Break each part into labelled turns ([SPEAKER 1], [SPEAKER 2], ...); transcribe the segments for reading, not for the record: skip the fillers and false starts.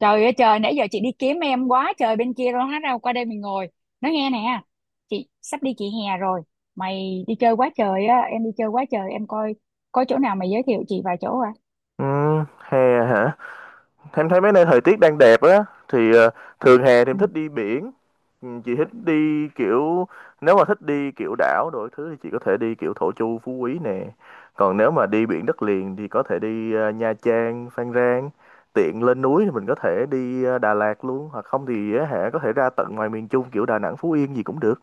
[SPEAKER 1] Trời ơi trời, nãy giờ chị đi kiếm em quá trời, bên kia rồi hết, đâu qua đây mình ngồi nói nghe nè. Chị sắp đi, chị hè rồi. Mày đi chơi quá trời á, em đi chơi quá trời, em coi có chỗ nào mày giới thiệu chị vài chỗ à?
[SPEAKER 2] Ừ, hè hả? Em thấy mấy nơi thời tiết đang đẹp á thì thường hè thì em
[SPEAKER 1] Ừ.
[SPEAKER 2] thích đi biển. Ừ, chị thích đi kiểu nếu mà thích đi kiểu đảo đổi thứ thì chị có thể đi kiểu Thổ Chu, Phú Quý nè. Còn nếu mà đi biển đất liền thì có thể đi Nha Trang, Phan Rang. Tiện lên núi thì mình có thể đi Đà Lạt luôn hoặc không thì á hả có thể ra tận ngoài miền Trung kiểu Đà Nẵng, Phú Yên gì cũng được.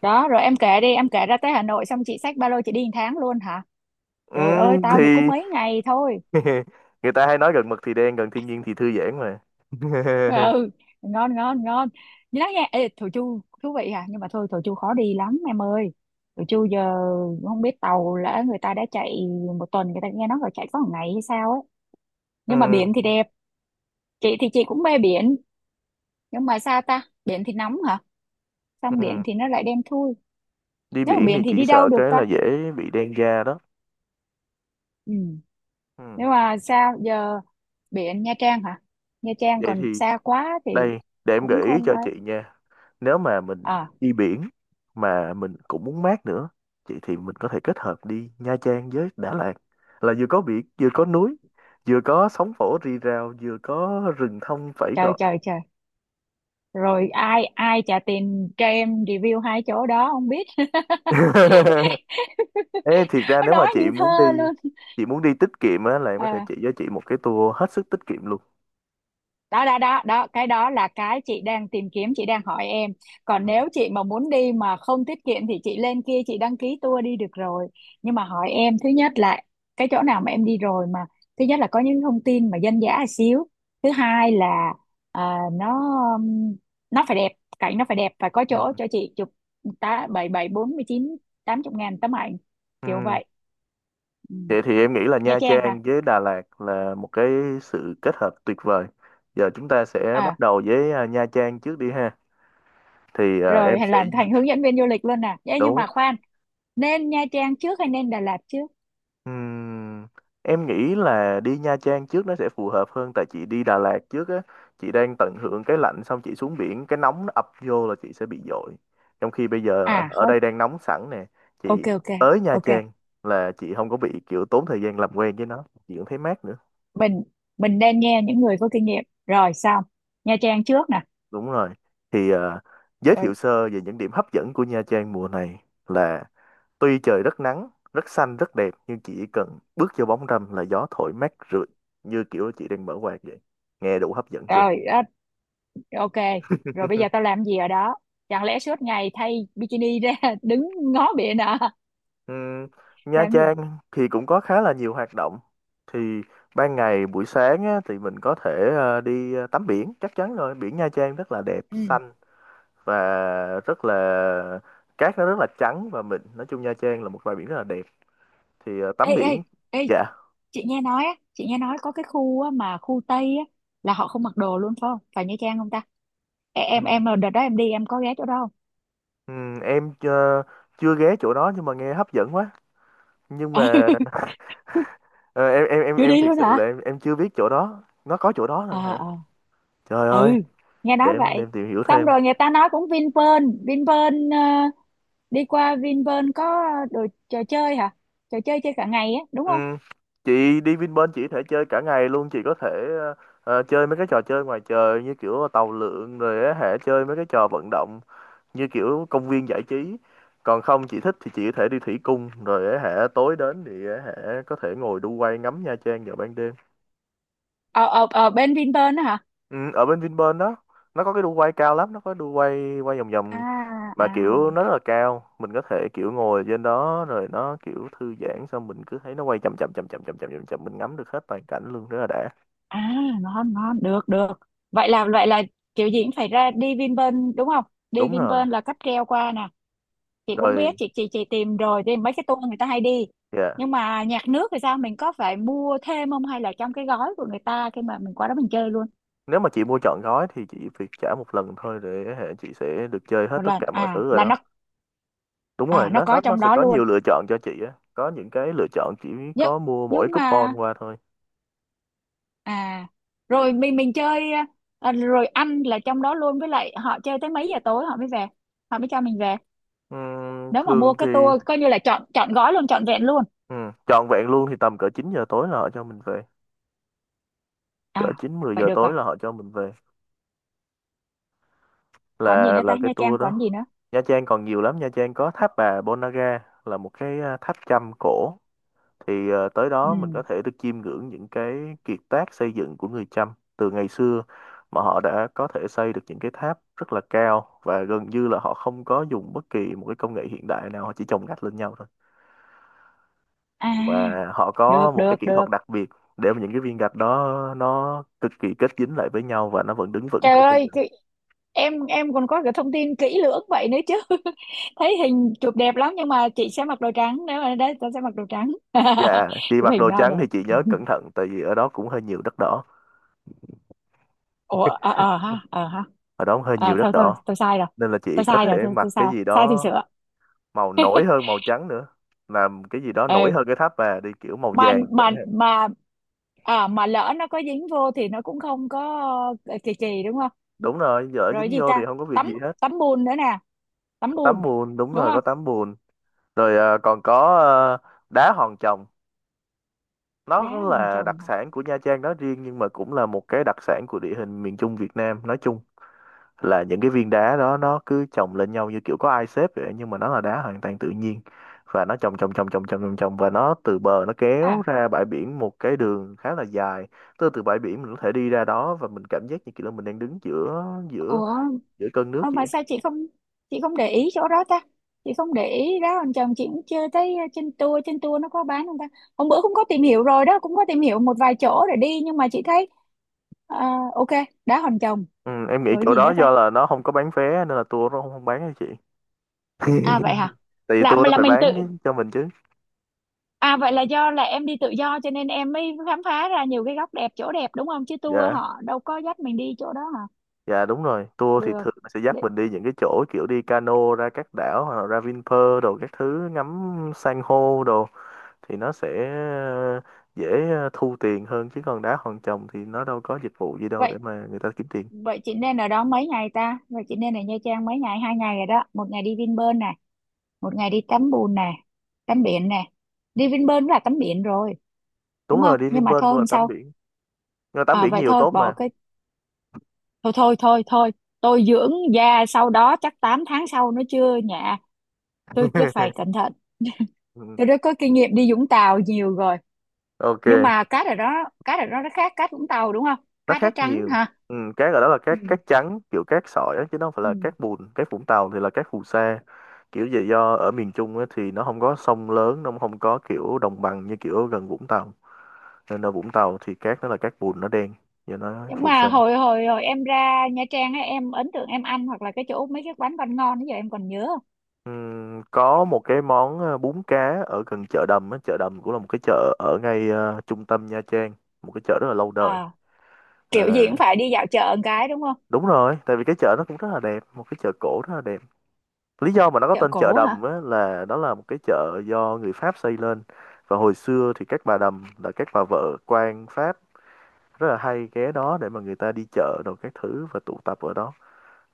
[SPEAKER 1] Đó, rồi em kể đi, em kể ra tới Hà Nội xong chị xách ba lô chị đi một tháng luôn hả?
[SPEAKER 2] Ừ,
[SPEAKER 1] Trời ơi, tao được có
[SPEAKER 2] thì
[SPEAKER 1] mấy ngày thôi.
[SPEAKER 2] người ta hay nói gần mực thì đen, gần thiên nhiên thì thư giãn mà.
[SPEAKER 1] Ờ, ừ. Ngon ngon ngon. Như đó nha. Ê, Thổ Chu thú vị à, nhưng mà thôi, Thổ Chu khó đi lắm em ơi. Thổ Chu giờ không biết tàu lỡ người ta đã chạy, một tuần người ta nghe nói là chạy có một ngày hay sao ấy. Nhưng mà
[SPEAKER 2] Ừ.
[SPEAKER 1] biển thì đẹp. Chị thì chị cũng mê biển, nhưng mà sao ta, biển thì nóng hả, xong biển
[SPEAKER 2] Ừ.
[SPEAKER 1] thì nó lại đen thui.
[SPEAKER 2] Đi
[SPEAKER 1] Nếu mà
[SPEAKER 2] biển
[SPEAKER 1] biển
[SPEAKER 2] thì
[SPEAKER 1] thì
[SPEAKER 2] chỉ
[SPEAKER 1] đi đâu
[SPEAKER 2] sợ
[SPEAKER 1] được
[SPEAKER 2] cái là
[SPEAKER 1] ta?
[SPEAKER 2] dễ bị đen da đó.
[SPEAKER 1] Ừ.
[SPEAKER 2] Ừ.
[SPEAKER 1] Nhưng mà sao giờ, biển Nha Trang hả? Nha Trang
[SPEAKER 2] Vậy
[SPEAKER 1] còn
[SPEAKER 2] thì
[SPEAKER 1] xa quá thì
[SPEAKER 2] đây, để em
[SPEAKER 1] cũng
[SPEAKER 2] gợi ý
[SPEAKER 1] không
[SPEAKER 2] cho
[SPEAKER 1] ấy.
[SPEAKER 2] chị nha. Nếu mà mình
[SPEAKER 1] À.
[SPEAKER 2] đi biển mà mình cũng muốn mát nữa chị thì mình có thể kết hợp đi Nha Trang với Đà Lạt, là vừa có biển vừa có núi, vừa có sóng vỗ rì rào vừa có rừng thông phẩy
[SPEAKER 1] Trời
[SPEAKER 2] gọi.
[SPEAKER 1] trời trời, rồi ai ai trả tiền cho em review hai chỗ đó không biết.
[SPEAKER 2] Ê, thiệt ra
[SPEAKER 1] Nó
[SPEAKER 2] nếu mà
[SPEAKER 1] nói
[SPEAKER 2] chị
[SPEAKER 1] như thơ
[SPEAKER 2] muốn đi
[SPEAKER 1] luôn.
[SPEAKER 2] chị muốn đi tiết kiệm á là em có
[SPEAKER 1] Ờ,
[SPEAKER 2] thể chỉ cho chị một cái tour hết sức tiết kiệm luôn.
[SPEAKER 1] đó đó đó đó, cái đó là cái chị đang tìm kiếm, chị đang hỏi em. Còn
[SPEAKER 2] Ừ.
[SPEAKER 1] nếu chị mà muốn đi mà không tiết kiệm thì chị lên kia chị đăng ký tour đi được rồi. Nhưng mà hỏi em, thứ nhất là cái chỗ nào mà em đi rồi mà, thứ nhất là có những thông tin mà dân dã xíu, thứ hai là à, nó um, nó phải đẹp, cảnh nó phải đẹp, phải có
[SPEAKER 2] Ừ.
[SPEAKER 1] chỗ cho chị chụp tá bảy bảy bốn mươi chín, 80.000 tấm ảnh,
[SPEAKER 2] Ừ.
[SPEAKER 1] kiểu vậy. Ừ.
[SPEAKER 2] Vậy thì em nghĩ là
[SPEAKER 1] Nha
[SPEAKER 2] Nha
[SPEAKER 1] Trang hả?
[SPEAKER 2] Trang với Đà Lạt là một cái sự kết hợp tuyệt vời. Giờ chúng ta sẽ bắt
[SPEAKER 1] À,
[SPEAKER 2] đầu với Nha Trang trước đi ha. Thì em
[SPEAKER 1] rồi hay
[SPEAKER 2] sẽ.
[SPEAKER 1] làm thành hướng dẫn viên du lịch luôn nè. Ê, nhưng
[SPEAKER 2] Đúng.
[SPEAKER 1] mà khoan, nên Nha Trang trước hay nên Đà Lạt trước?
[SPEAKER 2] Ừm, em nghĩ là đi Nha Trang trước nó sẽ phù hợp hơn tại chị đi Đà Lạt trước á, chị đang tận hưởng cái lạnh xong chị xuống biển cái nóng nó ập vô là chị sẽ bị dội. Trong khi bây giờ
[SPEAKER 1] À
[SPEAKER 2] ở
[SPEAKER 1] khó.
[SPEAKER 2] đây đang nóng sẵn nè,
[SPEAKER 1] Ok
[SPEAKER 2] chị
[SPEAKER 1] ok
[SPEAKER 2] tới Nha
[SPEAKER 1] ok.
[SPEAKER 2] Trang là chị không có bị kiểu tốn thời gian làm quen với nó, chị cũng thấy mát nữa.
[SPEAKER 1] Mình mình nên nghe những người có kinh nghiệm rồi xong. Nha Trang trước nè.
[SPEAKER 2] Đúng rồi. Thì giới
[SPEAKER 1] Rồi
[SPEAKER 2] thiệu sơ về những điểm hấp dẫn của Nha Trang mùa này là tuy trời rất nắng, rất xanh, rất đẹp nhưng chỉ cần bước vô bóng râm là gió thổi mát rượi như kiểu chị đang mở quạt vậy. Nghe đủ hấp dẫn chưa?
[SPEAKER 1] rồi đó, ok. Rồi bây giờ tao làm gì ở đó? Chẳng lẽ suốt ngày thay bikini ra đứng ngó biển à?
[SPEAKER 2] Ừm, Nha
[SPEAKER 1] Làm gì.
[SPEAKER 2] Trang thì cũng có khá là nhiều hoạt động. Thì ban ngày buổi sáng á, thì mình có thể đi tắm biển, chắc chắn rồi. Biển Nha Trang rất là đẹp,
[SPEAKER 1] Ừ.
[SPEAKER 2] xanh và rất là cát nó rất là trắng và mình nói chung Nha Trang là một bãi biển rất là đẹp thì
[SPEAKER 1] Ê
[SPEAKER 2] tắm
[SPEAKER 1] ê
[SPEAKER 2] biển.
[SPEAKER 1] ê,
[SPEAKER 2] Dạ.
[SPEAKER 1] chị nghe nói có cái khu á, mà khu Tây á, là họ không mặc đồ luôn phải không, phải Nha Trang không ta? Ê,
[SPEAKER 2] ừ.
[SPEAKER 1] em đợt đó em đi em có ghé chỗ đó.
[SPEAKER 2] Ừ, em chưa ghé chỗ đó nhưng mà nghe hấp dẫn quá nhưng
[SPEAKER 1] Ừ.
[SPEAKER 2] mà ờ, em em em
[SPEAKER 1] Chưa
[SPEAKER 2] em
[SPEAKER 1] đi
[SPEAKER 2] thiệt
[SPEAKER 1] luôn
[SPEAKER 2] sự
[SPEAKER 1] hả?
[SPEAKER 2] là em chưa biết chỗ đó nó có chỗ đó
[SPEAKER 1] Ờ
[SPEAKER 2] luôn hả.
[SPEAKER 1] ờ,
[SPEAKER 2] Trời
[SPEAKER 1] ừ,
[SPEAKER 2] ơi,
[SPEAKER 1] nghe nói
[SPEAKER 2] để em để
[SPEAKER 1] vậy.
[SPEAKER 2] em tìm hiểu
[SPEAKER 1] Xong
[SPEAKER 2] thêm.
[SPEAKER 1] rồi người ta nói cũng Vinpearl Vinpearl, đi qua Vinpearl có đồ trò chơi hả? Trò chơi chơi cả ngày á đúng
[SPEAKER 2] Ừ.
[SPEAKER 1] không?
[SPEAKER 2] Chị đi Vinpearl chị có thể chơi cả ngày luôn chị có thể ờ, chơi mấy cái trò chơi ngoài trời như kiểu tàu lượn rồi á hả chơi mấy cái trò vận động như kiểu công viên giải trí. Còn không chị thích thì chị có thể đi thủy cung rồi á hả tối đến thì á hả có thể ngồi đu quay ngắm Nha Trang vào ban đêm.
[SPEAKER 1] Ở ở ờ bên Vinpearl đó hả?
[SPEAKER 2] Ừ, ở bên Vinpearl đó nó có cái đu quay cao lắm nó có đu quay quay vòng vòng
[SPEAKER 1] À
[SPEAKER 2] mà
[SPEAKER 1] à
[SPEAKER 2] kiểu nó rất là cao mình có thể kiểu ngồi trên đó rồi nó kiểu thư giãn xong mình cứ thấy nó quay chậm chậm chậm chậm chậm chậm chậm, chậm. Mình ngắm được hết toàn cảnh luôn rất là đã.
[SPEAKER 1] à, ngon ngon, được được. Vậy là kiểu gì cũng phải ra đi Vinpearl đúng không? Đi
[SPEAKER 2] Đúng rồi.
[SPEAKER 1] Vinpearl là cáp treo qua nè. Chị cũng biết
[SPEAKER 2] Rồi.
[SPEAKER 1] chị tìm rồi thì mấy cái tour người ta hay đi.
[SPEAKER 2] Dạ,
[SPEAKER 1] Nhưng mà nhạc nước thì sao, mình có phải mua thêm không hay là trong cái gói của người ta khi mà mình qua đó mình chơi luôn?
[SPEAKER 2] nếu mà chị mua trọn gói thì chị việc trả một lần thôi để hệ chị sẽ được chơi hết
[SPEAKER 1] Một
[SPEAKER 2] tất
[SPEAKER 1] lần
[SPEAKER 2] cả mọi
[SPEAKER 1] à?
[SPEAKER 2] thứ rồi
[SPEAKER 1] Là
[SPEAKER 2] đó.
[SPEAKER 1] nó
[SPEAKER 2] Đúng rồi,
[SPEAKER 1] à, nó
[SPEAKER 2] nó nó
[SPEAKER 1] có
[SPEAKER 2] nó
[SPEAKER 1] trong
[SPEAKER 2] sẽ
[SPEAKER 1] đó
[SPEAKER 2] có
[SPEAKER 1] luôn.
[SPEAKER 2] nhiều lựa chọn cho chị á có những cái lựa chọn chỉ
[SPEAKER 1] nhưng
[SPEAKER 2] có mua mỗi
[SPEAKER 1] nhưng
[SPEAKER 2] coupon
[SPEAKER 1] mà
[SPEAKER 2] qua thôi.
[SPEAKER 1] à rồi mình chơi à, rồi ăn là trong đó luôn, với lại họ chơi tới mấy giờ tối họ mới về, họ mới cho mình về. Nếu mà mua
[SPEAKER 2] Thường thì.
[SPEAKER 1] cái tour coi như là chọn chọn gói luôn, chọn vẹn luôn.
[SPEAKER 2] Ừ, trọn vẹn luôn thì tầm cỡ 9 giờ tối là họ cho mình về. Cỡ
[SPEAKER 1] À
[SPEAKER 2] 9 10
[SPEAKER 1] vậy
[SPEAKER 2] giờ
[SPEAKER 1] được rồi,
[SPEAKER 2] tối là họ cho mình về.
[SPEAKER 1] còn gì
[SPEAKER 2] Là
[SPEAKER 1] nữa
[SPEAKER 2] là
[SPEAKER 1] ta,
[SPEAKER 2] cái
[SPEAKER 1] Nha Trang
[SPEAKER 2] tour
[SPEAKER 1] còn gì
[SPEAKER 2] đó.
[SPEAKER 1] nữa?
[SPEAKER 2] Nha Trang còn nhiều lắm, Nha Trang có tháp bà Ponagar là một cái tháp Chăm cổ. Thì tới đó mình có
[SPEAKER 1] Ừ.
[SPEAKER 2] thể được chiêm ngưỡng những cái kiệt tác xây dựng của người Chăm từ ngày xưa mà họ đã có thể xây được những cái tháp rất là cao và gần như là họ không có dùng bất kỳ một cái công nghệ hiện đại nào, họ chỉ chồng gạch lên nhau thôi
[SPEAKER 1] À,
[SPEAKER 2] nhưng mà họ
[SPEAKER 1] được
[SPEAKER 2] có một
[SPEAKER 1] được
[SPEAKER 2] cái kỹ
[SPEAKER 1] được.
[SPEAKER 2] thuật đặc biệt để mà những cái viên gạch đó nó cực kỳ kết dính lại với nhau và nó vẫn đứng vững
[SPEAKER 1] Trời
[SPEAKER 2] tới bây giờ.
[SPEAKER 1] ơi, em còn có cái thông tin kỹ lưỡng vậy nữa chứ. Thấy hình chụp đẹp lắm nhưng mà chị sẽ mặc đồ trắng, nếu mà đấy tôi sẽ mặc đồ trắng.
[SPEAKER 2] Dạ, chị
[SPEAKER 1] Chụp
[SPEAKER 2] mặc
[SPEAKER 1] hình
[SPEAKER 2] đồ
[SPEAKER 1] bao
[SPEAKER 2] trắng
[SPEAKER 1] đẹp.
[SPEAKER 2] thì chị nhớ cẩn thận tại vì ở đó cũng hơi nhiều đất đỏ,
[SPEAKER 1] Ủa, ờ, ờ ha, ờ ha.
[SPEAKER 2] ở đó cũng hơi
[SPEAKER 1] À
[SPEAKER 2] nhiều đất
[SPEAKER 1] thôi thôi,
[SPEAKER 2] đỏ
[SPEAKER 1] tôi sai rồi.
[SPEAKER 2] nên là chị
[SPEAKER 1] Tôi
[SPEAKER 2] có
[SPEAKER 1] sai
[SPEAKER 2] thể
[SPEAKER 1] rồi, thôi
[SPEAKER 2] mặc
[SPEAKER 1] tôi sai.
[SPEAKER 2] cái gì
[SPEAKER 1] Sai thì
[SPEAKER 2] đó
[SPEAKER 1] sửa.
[SPEAKER 2] màu nổi hơn màu trắng nữa, làm cái gì đó nổi
[SPEAKER 1] Ừ.
[SPEAKER 2] hơn cái tháp bà đi kiểu màu
[SPEAKER 1] Mà
[SPEAKER 2] vàng chẳng
[SPEAKER 1] mà
[SPEAKER 2] hạn.
[SPEAKER 1] mà mà lỡ nó có dính vô thì nó cũng không có kỳ kỳ đúng không?
[SPEAKER 2] Đúng rồi, dở
[SPEAKER 1] Rồi
[SPEAKER 2] dính
[SPEAKER 1] gì
[SPEAKER 2] vô thì
[SPEAKER 1] ta?
[SPEAKER 2] không có việc
[SPEAKER 1] Tấm
[SPEAKER 2] gì hết.
[SPEAKER 1] tấm bùn nữa nè, tấm
[SPEAKER 2] Có tắm
[SPEAKER 1] bùn
[SPEAKER 2] bùn, đúng
[SPEAKER 1] đúng
[SPEAKER 2] rồi
[SPEAKER 1] không?
[SPEAKER 2] có tắm bùn. Rồi còn có đá hòn chồng. Nó
[SPEAKER 1] Đá hoàn
[SPEAKER 2] là đặc
[SPEAKER 1] chồng hả?
[SPEAKER 2] sản của Nha Trang nói riêng nhưng mà cũng là một cái đặc sản của địa hình miền Trung Việt Nam nói chung, là những cái viên đá đó nó cứ chồng lên nhau như kiểu có ai xếp vậy nhưng mà nó là đá hoàn toàn tự nhiên và nó chồng chồng chồng chồng chồng chồng chồng và nó từ bờ nó kéo
[SPEAKER 1] À,
[SPEAKER 2] ra bãi biển một cái đường khá là dài. Từ từ bãi biển mình có thể đi ra đó và mình cảm giác như kiểu là mình đang đứng giữa giữa
[SPEAKER 1] ủa.
[SPEAKER 2] giữa cơn nước
[SPEAKER 1] Ờ, mà
[SPEAKER 2] vậy.
[SPEAKER 1] sao chị không để ý chỗ đó ta, chị không để ý đó, anh chồng chị cũng chưa thấy. Ờ, trên tour nó có bán không ta? Hôm bữa cũng có tìm hiểu rồi đó, cũng có tìm hiểu một vài chỗ để đi nhưng mà chị thấy ờ, ok. Đá Hòn Chồng.
[SPEAKER 2] Ừ, em nghĩ
[SPEAKER 1] Rồi
[SPEAKER 2] chỗ
[SPEAKER 1] gì nữa
[SPEAKER 2] đó
[SPEAKER 1] ta?
[SPEAKER 2] do là nó không có bán vé nên là tour nó không, không bán cho chị.
[SPEAKER 1] À vậy hả?
[SPEAKER 2] Tại vì
[SPEAKER 1] là
[SPEAKER 2] tour nó
[SPEAKER 1] là
[SPEAKER 2] phải
[SPEAKER 1] mình tự,
[SPEAKER 2] bán cho mình chứ.
[SPEAKER 1] à vậy là do là em đi tự do cho nên em mới khám phá ra nhiều cái góc đẹp chỗ đẹp đúng không, chứ tour
[SPEAKER 2] Dạ.
[SPEAKER 1] họ đâu có dắt mình đi chỗ đó hả?
[SPEAKER 2] Dạ đúng rồi, tour thì
[SPEAKER 1] Được.
[SPEAKER 2] thường là sẽ dắt
[SPEAKER 1] Để-
[SPEAKER 2] mình đi những cái chỗ kiểu đi cano ra các đảo hoặc là ra Vinpearl đồ các thứ ngắm san hô đồ thì nó sẽ dễ thu tiền hơn chứ còn đá hòn chồng thì nó đâu có dịch vụ gì đâu
[SPEAKER 1] vậy
[SPEAKER 2] để mà người ta kiếm tiền.
[SPEAKER 1] vậy chị nên ở đó mấy ngày ta, vậy chị nên ở Nha Trang mấy ngày? 2 ngày rồi đó, một ngày đi Vinpearl nè, một ngày đi tắm bùn nè, tắm biển nè, đi Vinpearl cũng là tắm biển rồi
[SPEAKER 2] Đúng
[SPEAKER 1] đúng
[SPEAKER 2] rồi,
[SPEAKER 1] không?
[SPEAKER 2] đi
[SPEAKER 1] Nhưng mà
[SPEAKER 2] Vinpearl
[SPEAKER 1] thôi
[SPEAKER 2] cũng là
[SPEAKER 1] hôm
[SPEAKER 2] tắm
[SPEAKER 1] sau.
[SPEAKER 2] biển. Nhưng mà tắm
[SPEAKER 1] À,
[SPEAKER 2] biển
[SPEAKER 1] vậy
[SPEAKER 2] nhiều
[SPEAKER 1] thôi
[SPEAKER 2] tốt
[SPEAKER 1] bỏ
[SPEAKER 2] mà.
[SPEAKER 1] cái. Thôi thôi thôi thôi, tôi dưỡng da sau đó chắc 8 tháng sau nó chưa nhạ, tôi sẽ phải cẩn thận.
[SPEAKER 2] Ừ,
[SPEAKER 1] Tôi đã có kinh nghiệm đi Vũng Tàu nhiều rồi.
[SPEAKER 2] Ok.
[SPEAKER 1] Nhưng mà cát ở đó nó khác cát Vũng Tàu đúng không,
[SPEAKER 2] Nó
[SPEAKER 1] cát nó
[SPEAKER 2] khác
[SPEAKER 1] trắng
[SPEAKER 2] nhiều.
[SPEAKER 1] hả.
[SPEAKER 2] Ừ, cát ở đó là
[SPEAKER 1] Ừ.
[SPEAKER 2] cát cát trắng kiểu cát sỏi á, chứ nó không phải
[SPEAKER 1] Ừ.
[SPEAKER 2] là cát bùn. Cát Vũng Tàu thì là cát phù sa kiểu vậy do ở miền Trung á, thì nó không có sông lớn nó không có kiểu đồng bằng như kiểu gần Vũng Tàu nên ở Vũng Tàu thì cát nó là cát bùn nó đen và nó
[SPEAKER 1] Nhưng
[SPEAKER 2] phù sa.
[SPEAKER 1] mà hồi hồi hồi em ra Nha Trang á, em ấn tượng em ăn hoặc là cái chỗ mấy cái quán bánh ngon bây giờ em còn nhớ không?
[SPEAKER 2] Có một cái món bún cá ở gần chợ Đầm á. Chợ Đầm cũng là một cái chợ ở ngay trung tâm Nha Trang, một cái chợ rất là lâu đời.
[SPEAKER 1] À, kiểu gì
[SPEAKER 2] Ờ,
[SPEAKER 1] cũng phải đi dạo chợ một cái đúng không?
[SPEAKER 2] đúng rồi tại vì cái chợ nó cũng rất là đẹp, một cái chợ cổ rất là đẹp. Lý do mà nó có
[SPEAKER 1] Chợ
[SPEAKER 2] tên chợ
[SPEAKER 1] cổ
[SPEAKER 2] Đầm
[SPEAKER 1] hả?
[SPEAKER 2] á, là đó là một cái chợ do người Pháp xây lên và hồi xưa thì các bà đầm là các bà vợ quan Pháp rất là hay ghé đó để mà người ta đi chợ đồ các thứ và tụ tập ở đó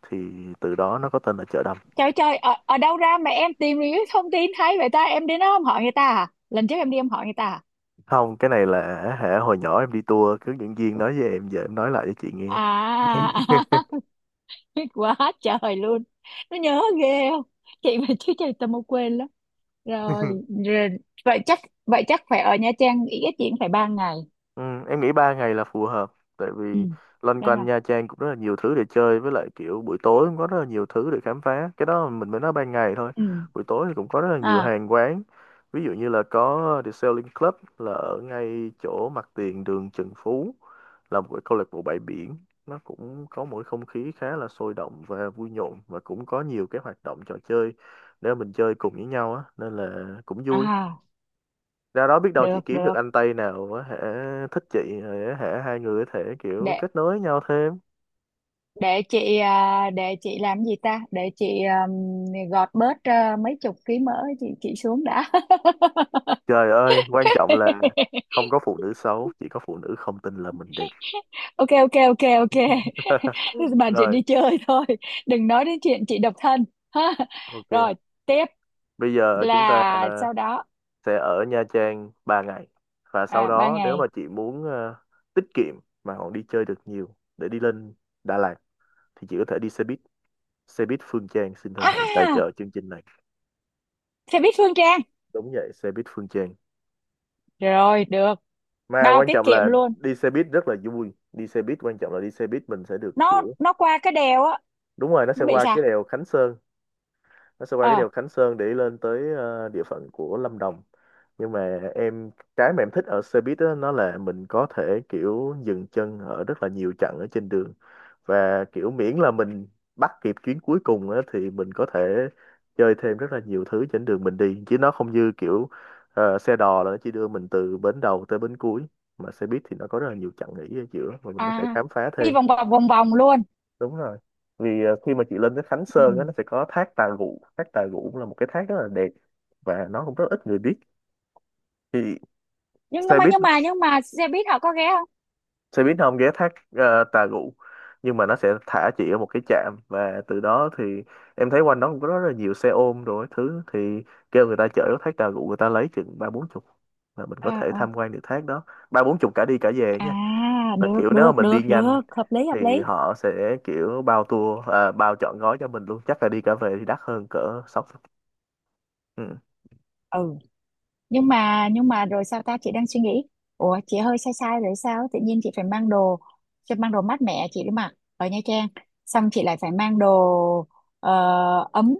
[SPEAKER 2] thì từ đó nó có tên là chợ Đầm.
[SPEAKER 1] Trời trời, ở đâu ra mà em tìm những cái thông tin hay vậy ta, em đến đó không hỏi người ta à? Lần trước em đi em hỏi người ta.
[SPEAKER 2] Không cái này là hả hồi nhỏ em đi tour cứ dẫn viên nói với em giờ em nói lại cho chị nghe.
[SPEAKER 1] À à. Biết quá trời luôn, nó nhớ ghê không, chị mà chứ trời tao mau quên lắm. Rồi, rồi. Vậy chắc vậy chắc phải ở Nha Trang ít nhất chị cũng phải 3 ngày.
[SPEAKER 2] Ừ, em nghĩ 3 ngày là phù hợp tại
[SPEAKER 1] Ừ,
[SPEAKER 2] vì loanh
[SPEAKER 1] ba
[SPEAKER 2] quanh
[SPEAKER 1] ngày
[SPEAKER 2] Nha Trang cũng rất là nhiều thứ để chơi với lại kiểu buổi tối cũng có rất là nhiều thứ để khám phá, cái đó mình mới nói ban ngày thôi,
[SPEAKER 1] Ừ.
[SPEAKER 2] buổi tối thì cũng có rất là nhiều
[SPEAKER 1] À
[SPEAKER 2] hàng quán. Ví dụ như là có The Sailing Club là ở ngay chỗ mặt tiền đường Trần Phú, là một cái câu lạc bộ bãi biển. Nó cũng có một cái không khí khá là sôi động và vui nhộn và cũng có nhiều cái hoạt động trò chơi để mình chơi cùng với nhau á nên là cũng vui.
[SPEAKER 1] à,
[SPEAKER 2] Ra đó biết đâu chị
[SPEAKER 1] được
[SPEAKER 2] kiếm được
[SPEAKER 1] được.
[SPEAKER 2] anh Tây nào có thể thích chị để hả hai người có thể kiểu
[SPEAKER 1] để
[SPEAKER 2] kết nối nhau thêm.
[SPEAKER 1] để chị à, để chị làm gì ta, để chị gọt bớt mấy chục ký mỡ, chị xuống đã.
[SPEAKER 2] Trời ơi quan trọng là không có phụ nữ xấu chỉ có phụ nữ không tin là mình đẹp.
[SPEAKER 1] Ok ok ok ok. Bàn chuyện
[SPEAKER 2] Rồi,
[SPEAKER 1] đi chơi thôi, đừng nói đến chuyện chị độc thân. Ha.
[SPEAKER 2] ok,
[SPEAKER 1] Rồi tiếp,
[SPEAKER 2] bây giờ chúng ta
[SPEAKER 1] là sau đó.
[SPEAKER 2] sẽ ở Nha Trang 3 ngày và sau
[SPEAKER 1] À, ba
[SPEAKER 2] đó nếu mà
[SPEAKER 1] ngày
[SPEAKER 2] chị muốn tiết kiệm mà còn đi chơi được nhiều để đi Lên Đà Lạt thì chị có thể đi xe buýt. Xe buýt Phương Trang xin thân hãy tài
[SPEAKER 1] À,
[SPEAKER 2] trợ chương trình này.
[SPEAKER 1] xe buýt Phương Trang.
[SPEAKER 2] Đúng vậy, xe buýt Phương Trang.
[SPEAKER 1] Rồi, được,
[SPEAKER 2] Mà
[SPEAKER 1] bao
[SPEAKER 2] quan
[SPEAKER 1] tiết
[SPEAKER 2] trọng
[SPEAKER 1] kiệm
[SPEAKER 2] là
[SPEAKER 1] luôn.
[SPEAKER 2] đi xe buýt rất là vui, đi xe buýt quan trọng là đi xe buýt mình sẽ được
[SPEAKER 1] nó
[SPEAKER 2] kiểu
[SPEAKER 1] nó qua cái đèo á,
[SPEAKER 2] đúng rồi, nó sẽ
[SPEAKER 1] nó bị
[SPEAKER 2] qua
[SPEAKER 1] sao?
[SPEAKER 2] cái đèo Khánh Sơn. Nó sẽ qua cái
[SPEAKER 1] ờ
[SPEAKER 2] đèo Khánh Sơn để lên tới địa phận của Lâm Đồng. Nhưng mà em, cái mà em thích ở xe buýt đó, nó là mình có thể kiểu dừng chân ở rất là nhiều chặng ở trên đường, và kiểu miễn là mình bắt kịp chuyến cuối cùng á, thì mình có thể chơi thêm rất là nhiều thứ trên đường mình đi, chứ nó không như kiểu xe đò là nó chỉ đưa mình từ bến đầu tới bến cuối. Mà xe buýt thì nó có rất là nhiều chặng nghỉ ở giữa và mình có thể
[SPEAKER 1] à
[SPEAKER 2] khám phá
[SPEAKER 1] Đi
[SPEAKER 2] thêm
[SPEAKER 1] vòng vòng vòng vòng luôn.
[SPEAKER 2] đúng rồi. Vì khi mà chị lên tới Khánh
[SPEAKER 1] Ừ.
[SPEAKER 2] Sơn á, nó sẽ có thác Tà Rụ. Thác Tà Rụ cũng là một cái thác rất là đẹp và nó cũng rất ít người biết. Thì
[SPEAKER 1] nhưng
[SPEAKER 2] xe
[SPEAKER 1] mà
[SPEAKER 2] buýt
[SPEAKER 1] nhưng mà nhưng mà xe buýt họ có ghé không?
[SPEAKER 2] xe buýt nó không ghé thác Tà Rụ, nhưng mà nó sẽ thả chị ở một cái trạm, và từ đó thì em thấy quanh đó cũng có rất là nhiều xe ôm rồi các thứ. Thì kêu người ta chở ở thác Tà Rụ, người ta lấy chừng ba bốn chục là mình có
[SPEAKER 1] À,
[SPEAKER 2] thể
[SPEAKER 1] à.
[SPEAKER 2] tham quan được thác đó. Ba bốn chục cả đi cả về
[SPEAKER 1] À
[SPEAKER 2] nha. Là
[SPEAKER 1] được
[SPEAKER 2] kiểu nếu mà
[SPEAKER 1] được
[SPEAKER 2] mình đi
[SPEAKER 1] được
[SPEAKER 2] nhanh
[SPEAKER 1] được, hợp lý hợp
[SPEAKER 2] thì
[SPEAKER 1] lý.
[SPEAKER 2] họ sẽ kiểu bao tour, bao trọn gói cho mình luôn, chắc là đi cả về thì đắt hơn cỡ sáu chục. Ừ.
[SPEAKER 1] Ừ, nhưng mà rồi sao ta, chị đang suy nghĩ. Ủa chị hơi sai sai rồi sao, tự nhiên chị phải mang đồ, chị mang đồ mát mẻ chị đi mặc ở Nha Trang, xong chị lại phải mang đồ ờ, ấm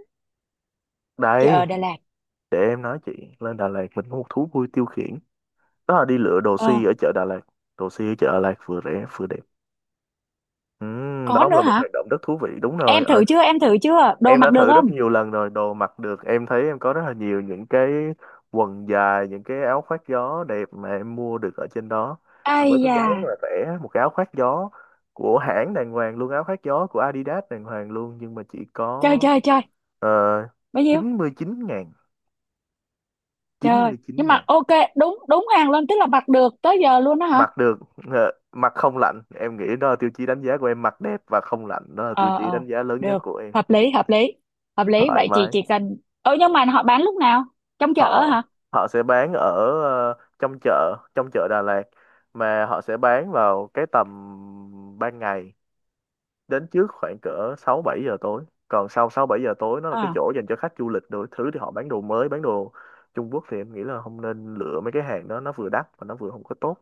[SPEAKER 1] chị
[SPEAKER 2] Đây,
[SPEAKER 1] ở Đà Lạt.
[SPEAKER 2] để em nói chị, lên Đà Lạt mình có một thú vui tiêu khiển, đó là đi lựa đồ
[SPEAKER 1] Ờ,
[SPEAKER 2] si ở chợ Đà Lạt. Đồ si ở chợ Đà Lạt vừa rẻ vừa đẹp.
[SPEAKER 1] có
[SPEAKER 2] Đó
[SPEAKER 1] nữa
[SPEAKER 2] là một
[SPEAKER 1] hả?
[SPEAKER 2] hoạt động rất thú vị, đúng rồi.
[SPEAKER 1] Em
[SPEAKER 2] Ờ,
[SPEAKER 1] thử chưa, em thử chưa, đồ
[SPEAKER 2] em
[SPEAKER 1] mặc
[SPEAKER 2] đã
[SPEAKER 1] được
[SPEAKER 2] thử rất
[SPEAKER 1] không?
[SPEAKER 2] nhiều lần rồi, đồ mặc được. Em thấy em có rất là nhiều những cái quần dài, những cái áo khoác gió đẹp mà em mua được ở trên đó. Mà
[SPEAKER 1] Ai
[SPEAKER 2] với cái giá rất
[SPEAKER 1] da.
[SPEAKER 2] là rẻ, một cái áo khoác gió của hãng đàng hoàng luôn, áo khoác gió của Adidas đàng hoàng luôn, nhưng mà chỉ
[SPEAKER 1] Trời
[SPEAKER 2] có
[SPEAKER 1] trời trời.
[SPEAKER 2] uh,
[SPEAKER 1] Bao nhiêu?
[SPEAKER 2] 99 ngàn.
[SPEAKER 1] Trời,
[SPEAKER 2] 99
[SPEAKER 1] nhưng mà
[SPEAKER 2] ngàn
[SPEAKER 1] ok. Đúng đúng hàng luôn, tức là mặc được tới giờ luôn đó hả?
[SPEAKER 2] mặc được. Mặc không lạnh, em nghĩ đó là tiêu chí đánh giá của em, mặc đẹp và không lạnh, đó là tiêu
[SPEAKER 1] Ờ
[SPEAKER 2] chí
[SPEAKER 1] ờ,
[SPEAKER 2] đánh giá lớn nhất
[SPEAKER 1] được.
[SPEAKER 2] của em.
[SPEAKER 1] Hợp lý hợp lý hợp lý.
[SPEAKER 2] Thoải
[SPEAKER 1] Vậy chị
[SPEAKER 2] mái.
[SPEAKER 1] chỉ cần nhưng mà họ bán lúc nào, trong chợ
[SPEAKER 2] Họ
[SPEAKER 1] hả?
[SPEAKER 2] Họ sẽ bán ở trong chợ, trong chợ Đà Lạt. Mà họ sẽ bán vào cái tầm ban ngày, đến trước khoảng cỡ 6 7 giờ tối. Còn sau 6 7 giờ tối nó là cái
[SPEAKER 1] Ờ,
[SPEAKER 2] chỗ dành cho khách du lịch đủ thứ, thì họ bán đồ mới, bán đồ Trung Quốc, thì em nghĩ là không nên lựa mấy cái hàng đó, nó vừa đắt và nó vừa không có tốt.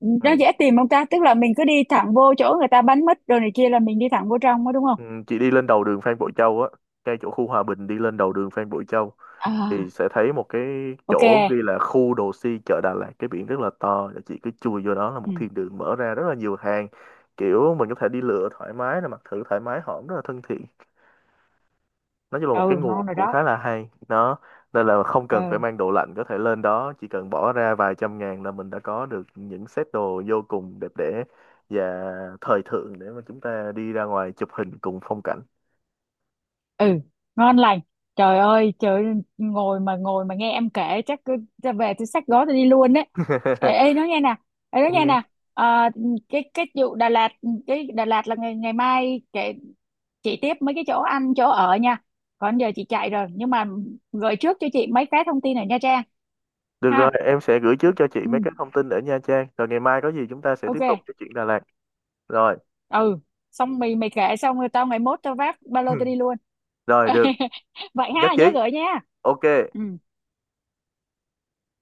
[SPEAKER 1] nó
[SPEAKER 2] Ừ.
[SPEAKER 1] dễ tìm không ta, tức là mình cứ đi thẳng vô chỗ người ta bán mít rồi này kia là mình đi thẳng vô trong đó đúng không?
[SPEAKER 2] Ừ, chị đi lên đầu đường Phan Bội Châu á, ngay chỗ khu Hòa Bình, đi lên đầu đường Phan Bội Châu
[SPEAKER 1] À,
[SPEAKER 2] thì sẽ thấy một cái
[SPEAKER 1] ok.
[SPEAKER 2] chỗ ghi là khu đồ si chợ Đà Lạt, cái biển rất là to, và chị cứ chui vô đó là một
[SPEAKER 1] Ừ,
[SPEAKER 2] thiên đường mở ra rất là nhiều hàng. Kiểu mình có thể đi lựa thoải mái, là mặc thử thoải mái, họ cũng rất là thân thiện. Nói chung là một cái
[SPEAKER 1] ừ.
[SPEAKER 2] nguồn
[SPEAKER 1] Ngon rồi
[SPEAKER 2] cũng
[SPEAKER 1] đó.
[SPEAKER 2] khá là hay đó. Nên là không cần phải
[SPEAKER 1] Ừ.
[SPEAKER 2] mang đồ lạnh, có thể lên đó chỉ cần bỏ ra vài trăm ngàn là mình đã có được những set đồ vô cùng đẹp đẽ và thời thượng để mà chúng ta đi ra ngoài chụp hình cùng phong cảnh.
[SPEAKER 1] Ừ, ngon lành. Trời ơi trời ơi, ngồi mà nghe em kể chắc cứ ra về tôi xách gói tôi đi luôn đấy. Ê, ê nói nghe nè, ê nói
[SPEAKER 2] Em
[SPEAKER 1] nghe
[SPEAKER 2] nghe.
[SPEAKER 1] nè. Ờ, cái vụ Đà Lạt, cái Đà Lạt là ngày ngày mai kể, chị tiếp mấy cái chỗ ăn chỗ ở nha. Còn giờ chị chạy rồi nhưng mà gửi trước cho chị mấy cái thông tin ở Nha Trang.
[SPEAKER 2] Được rồi,
[SPEAKER 1] Ha.
[SPEAKER 2] em sẽ gửi trước cho chị
[SPEAKER 1] Ừ,
[SPEAKER 2] mấy cái thông tin ở Nha Trang, rồi ngày mai có gì chúng ta sẽ tiếp tục
[SPEAKER 1] ok.
[SPEAKER 2] cái chuyện Đà Lạt. Rồi.
[SPEAKER 1] Ừ. Xong mày mày kể xong rồi tao ngày mốt tao vác ba lô tao đi luôn.
[SPEAKER 2] Rồi, được.
[SPEAKER 1] Vậy
[SPEAKER 2] Nhất
[SPEAKER 1] ha,
[SPEAKER 2] trí.
[SPEAKER 1] nhớ gửi nha.
[SPEAKER 2] Ok.
[SPEAKER 1] Ừ.